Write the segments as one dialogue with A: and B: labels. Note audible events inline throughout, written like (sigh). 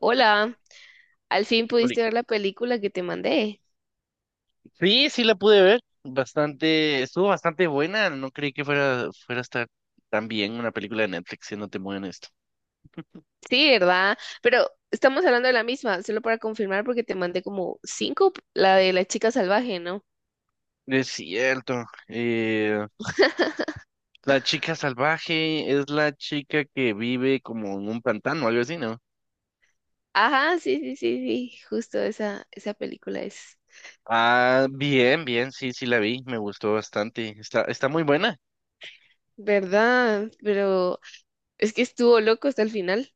A: Hola, al fin
B: Oli-
A: pudiste ver la película que te mandé.
B: Sí, sí la pude ver. Estuvo bastante buena. No creí que fuera a estar tan bien una película de Netflix, siéndote muy honesto.
A: Sí, ¿verdad? Pero estamos hablando de la misma, solo para confirmar porque te mandé como cinco, la de la chica salvaje, ¿no?
B: Es cierto. La chica salvaje es la chica que vive como en un pantano, algo así, ¿no?
A: Ajá, sí, sí, sí, sí, justo esa, esa película es.
B: Ah, bien, bien, sí, sí la vi. Me gustó bastante. Está muy buena
A: ¿Verdad? Pero es que estuvo loco hasta el final.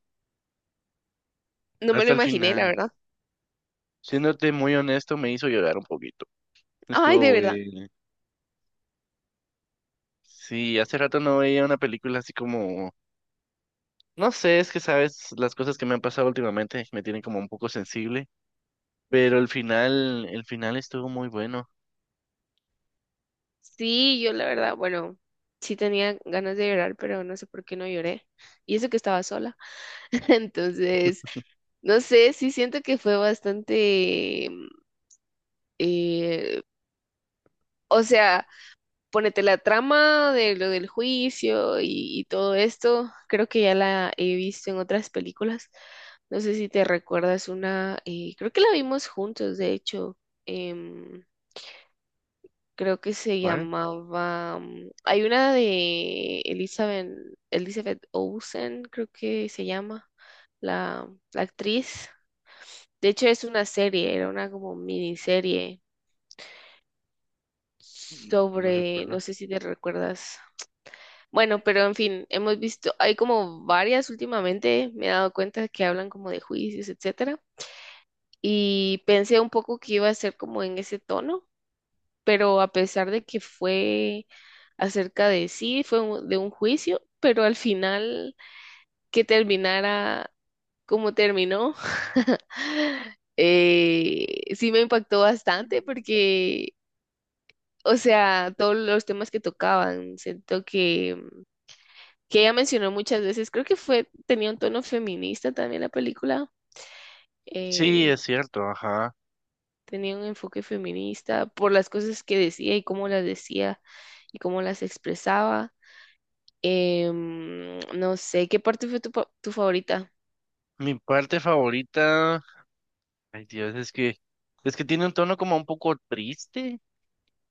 A: No me lo
B: hasta el
A: imaginé, la
B: final.
A: verdad.
B: Siéndote muy honesto, me hizo llorar un poquito.
A: Ay,
B: Estuvo
A: de verdad.
B: bueno. Sí, hace rato no veía una película así como. No sé, es que sabes, las cosas que me han pasado últimamente me tienen como un poco sensible,
A: Ok.
B: pero el final estuvo muy bueno.
A: Sí, yo la verdad, bueno, sí tenía ganas de llorar, pero no sé por qué no lloré. Y eso que estaba sola. (laughs) Entonces... No sé, sí siento que fue bastante, eh, o sea, ponete la trama de lo del juicio y todo esto, creo que ya la he visto en otras películas. No sé si te recuerdas una, creo que la vimos juntos, de hecho, em, creo que se
B: ¿Cuál?
A: llamaba, mm, hay una de Elizabeth, Elizabeth Olsen, creo que se llama, la actriz. De hecho, es una serie, era una como miniserie
B: No me
A: sobre,
B: recuerdo.
A: no sé si te recuerdas. Bueno, pero en fin, hemos visto, hay como varias últimamente, me he dado cuenta que hablan como de juicios, etcétera, y pensé un poco que iba a ser como en ese tono, pero a pesar de que fue acerca de sí, fue de un juicio, pero al final que terminara como terminó, (laughs) sí me impactó bastante porque, o sea, todos los temas que tocaban, siento que ella mencionó muchas veces, creo que fue, tenía un tono feminista también la película,
B: Sí,
A: eh,
B: es cierto, ajá.
A: tenía un enfoque feminista por las cosas que decía y cómo las decía y cómo las expresaba. No sé, ¿qué parte fue tu, tu favorita?
B: Mi parte favorita, ay Dios, es que tiene un tono como un poco triste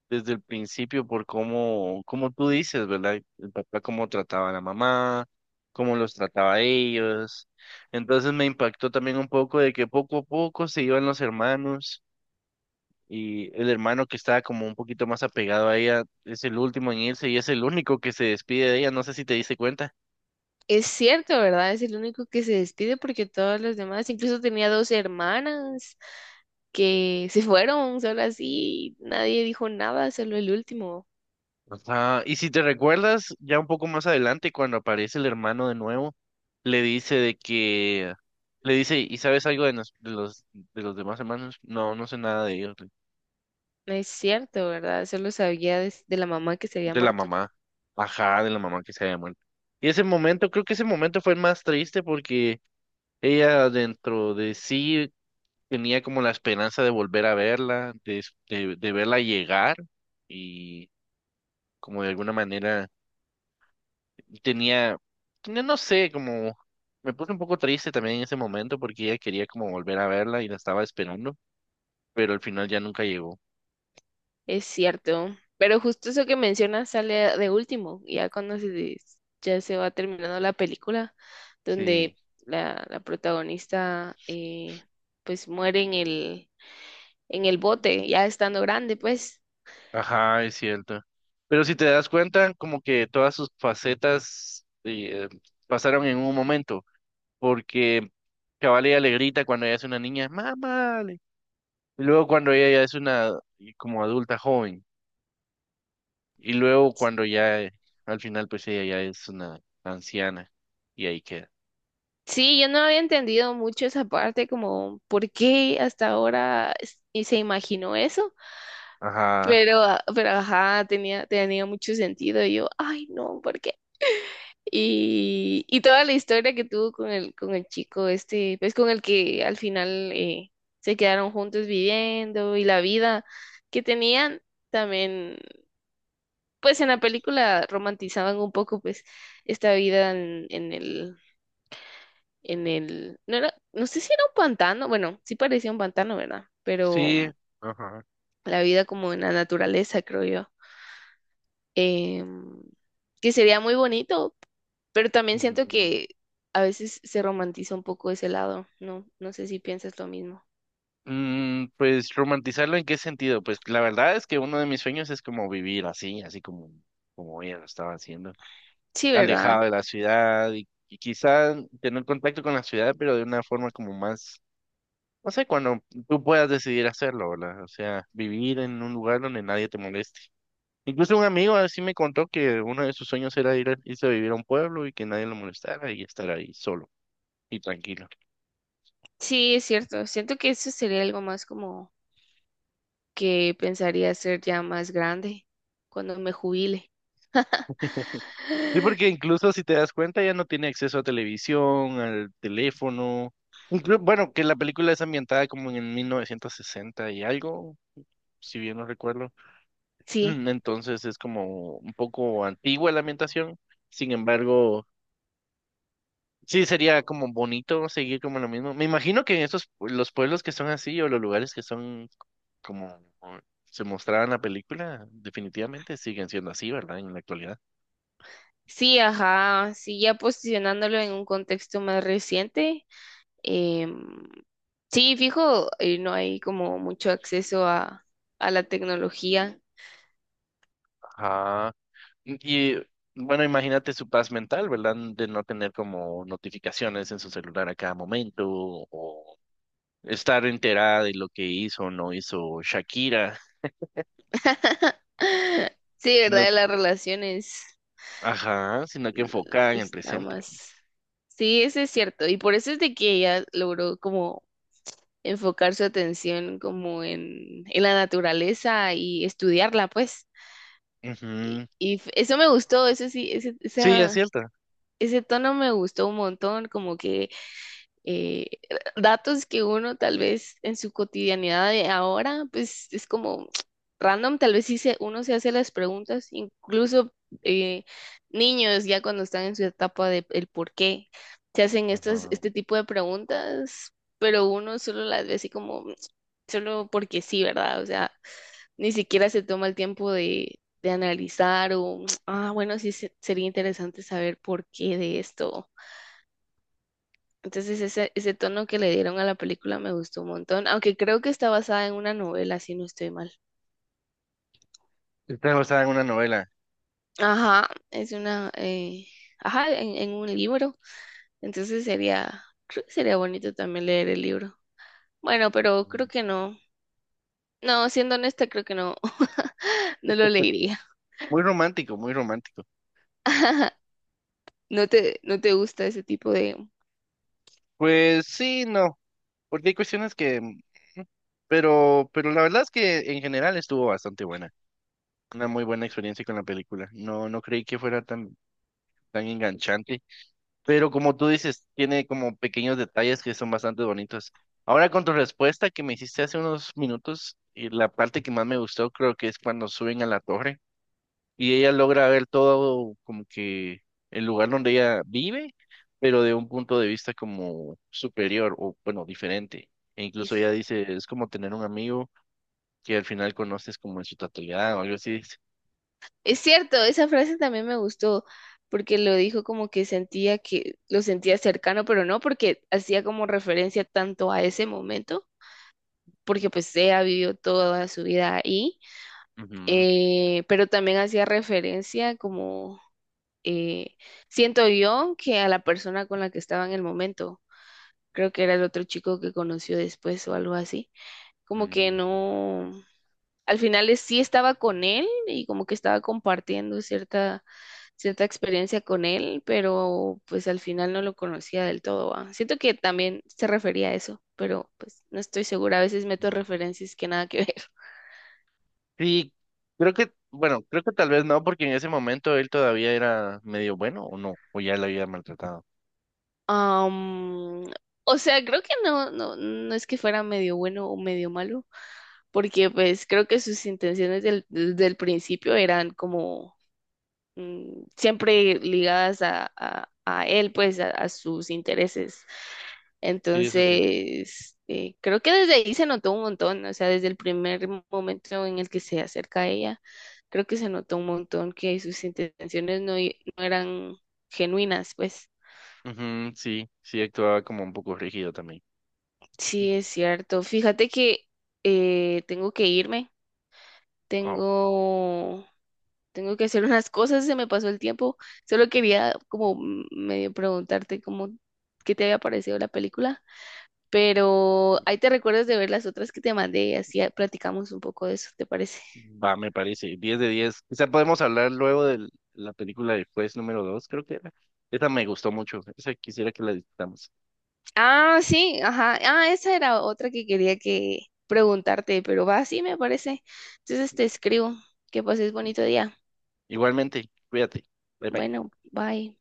B: desde el principio por cómo, como tú dices, ¿verdad? El papá cómo trataba a la mamá, cómo los trataba a ellos. Entonces me impactó también un poco de que poco a poco se iban los hermanos. Y el hermano que estaba como un poquito más apegado a ella es el último en irse y es el único que se despide de ella. No sé si te diste cuenta.
A: Es cierto, ¿verdad? Es el único que se despide porque todos los demás, incluso tenía dos hermanas que se (laughs) fueron solo así, nadie dijo nada, solo el último.
B: Ajá, y si te recuerdas, ya un poco más adelante, cuando aparece el hermano de nuevo, le dice de que, le dice, ¿y sabes algo de los demás hermanos? No, no sé nada de ellos.
A: No es cierto, ¿verdad? Solo sabía de la mamá que se había
B: De la
A: muerto.
B: mamá, ajá, de la mamá que se había muerto. Y ese momento, creo que ese momento fue el más triste porque ella dentro de sí tenía como la esperanza de volver a verla, de verla llegar y como de alguna manera tenía, tenía, no sé, como me puse un poco triste también en ese momento porque ella quería como volver a verla y la estaba esperando, pero al final ya nunca llegó.
A: Es cierto, pero justo eso que mencionas sale de último, ya cuando se, ya se va terminando la película,
B: Sí,
A: donde la protagonista pues muere en el bote, ya estando grande, pues.
B: ajá, es cierto. Pero si te das cuenta, como que todas sus facetas pasaron en un momento, porque Cabal ella le grita cuando ella es una niña, mamá. Y luego cuando ella ya es una como adulta joven. Y luego cuando ya al final pues ella ya es una anciana. Y ahí queda.
A: Sí, yo no había entendido mucho esa parte, como por qué hasta ahora y se imaginó eso,
B: Ajá.
A: pero, ah, pero ajá, tenía mucho sentido. Y yo, ay, no, ¿por qué? Y toda la historia que tuvo con el chico este, pues con el que al final se quedaron juntos viviendo y la vida que tenían también, pues en la película romantizaban un poco pues esta vida en el, no era, no sé si era un pantano, bueno, sí parecía un pantano, ¿verdad? Pero
B: Sí.
A: mm,
B: Ajá.
A: la vida como en la naturaleza, creo yo. Em, que sería muy bonito. Pero también siento
B: Mm,
A: que a veces se romantiza un poco ese lado, ¿no? No sé si piensas lo mismo.
B: pues romantizarlo en qué sentido? Pues la verdad es que uno de mis sueños es como vivir así, así como ella lo estaba haciendo.
A: Sí, ¿verdad?
B: Alejado de la ciudad y quizá tener contacto con la ciudad, pero de una forma como más, no sé, cuando tú puedas decidir hacerlo, ¿verdad? O sea, vivir en un lugar donde nadie te moleste. Incluso un amigo así me contó que uno de sus sueños era irse a vivir a un pueblo y que nadie lo molestara y estar ahí solo y tranquilo.
A: Sí, es cierto. Siento que eso sería algo más como que pensaría ser ya más grande cuando me jubile. (gasps)
B: Sí, porque
A: (laughs)
B: incluso si te das cuenta ya no tiene acceso a televisión, al teléfono. Bueno, que la película es ambientada como en 1960 y algo, si bien no recuerdo. (clears throat)
A: Sí,
B: Entonces es como un poco antigua la ambientación. Sin embargo, sí, sería como bonito seguir como lo mismo. Me imagino que en los pueblos que son así o los lugares que son como se mostraba en la película, definitivamente siguen siendo así, ¿verdad? En la actualidad.
A: sí, ajá, sí, ya posicionándolo en un contexto más reciente. em, sí, fijo, no hay como mucho acceso a la tecnología.
B: Ajá. Y y bueno, imagínate su paz mental, ¿verdad? De no tener como notificaciones en su celular a cada momento o estar enterada de lo que hizo o no hizo Shakira,
A: (laughs) Sí, ¿verdad?
B: sino,
A: De las relaciones.
B: ajá, sino que enfocada en el
A: Los
B: presente.
A: traumas. Sí, eso es cierto. Y por eso es de que ella logró como enfocar su atención como en la naturaleza y estudiarla, pues.
B: Ujú.
A: Y eso me gustó, eso sí, ese,
B: Sí, es
A: esa,
B: cierto.
A: ese tono me gustó un montón, como que eh, datos que uno tal vez en su cotidianidad de ahora, pues es como (tsk) random, tal vez sí uno se hace las preguntas, incluso eh, niños ya cuando están en su etapa de el por qué, se hacen estas,
B: Ajá.
A: este tipo de preguntas, pero uno solo las ve así como, (tsk) solo porque sí, ¿verdad? O sea, ni siquiera se toma el tiempo de analizar o, (tsk) ah, bueno, sí sería interesante saber por qué de esto, entonces ese tono que le dieron a la película me gustó un montón, aunque creo que está basada en una novela, si no estoy mal.
B: Esta basada en una novela.
A: Ajá, es una, ajá, en un libro. Entonces sería, creo que sería bonito también leer el libro. Bueno, pero creo
B: Muy
A: que no. No, siendo honesta, creo que no, (laughs) no lo leería.
B: romántico, muy romántico.
A: (laughs) No te, no te gusta ese tipo de...
B: Pues sí, no, porque hay cuestiones que, pero la verdad es que en general estuvo bastante buena. Una muy buena experiencia con la película. No, no creí que fuera tan enganchante, pero como tú dices, tiene como pequeños detalles que son bastante bonitos. Ahora con tu respuesta que me hiciste hace unos minutos, y la parte que más me gustó creo que es cuando suben a la torre. Y ella logra ver todo como que el lugar donde ella vive, pero de un punto de vista como superior o bueno, diferente. E incluso ella dice, es como tener un amigo que al final conoces como en su totalidad o algo así, dice.
A: Es cierto, esa frase también me gustó porque lo dijo como que sentía que lo sentía cercano, pero no porque hacía como referencia tanto a ese momento porque pues ella vivió toda su vida ahí,
B: Ujú,
A: pero también hacía referencia como, eh, siento yo, que a la persona con la que estaba en el momento, creo que era el otro chico que conoció después o algo así, como que
B: mm,
A: no, al final sí estaba con él y como que estaba compartiendo cierta, cierta experiencia con él, pero pues al final no lo conocía del todo, ¿va? Siento que también se refería a eso, pero pues no estoy segura, a veces meto
B: mm.
A: referencias que nada que (laughs) ver.
B: Sí, creo que, bueno, creo que tal vez no, porque en ese momento él todavía era medio bueno o no, o ya la había maltratado.
A: Am, o sea, creo que no, no, no es que fuera medio bueno o medio malo, porque pues creo que sus intenciones del, desde el principio eran como mm, siempre ligadas a, a él, pues a sus intereses.
B: Sí, eso sí.
A: Entonces, creo que desde ahí se notó un montón, o sea, desde el primer momento en el que se acerca a ella, creo que se notó un montón que sus intenciones no, no eran genuinas, pues.
B: Ujú, sí, sí actuaba como un poco rígido también.
A: Sí, es cierto. Fíjate que tengo que irme, tengo, tengo que hacer unas cosas, se me pasó el tiempo. Solo quería como mm, medio preguntarte cómo, qué te había parecido la película, pero ahí te recuerdas de ver las otras que te mandé y así ah, platicamos un poco de eso, ¿te parece?
B: Va, me parece. 10 de 10. Quizá podemos hablar luego de la película de Juez número 2, creo que era. Esa me gustó mucho. Esa quisiera que la discutamos.
A: Ah, sí, ajá. Ah, esa era otra que quería que preguntarte, pero va, sí, me parece. Entonces te escribo. Que pases bonito día.
B: Igualmente, cuídate. Bye bye.
A: Bueno, bye.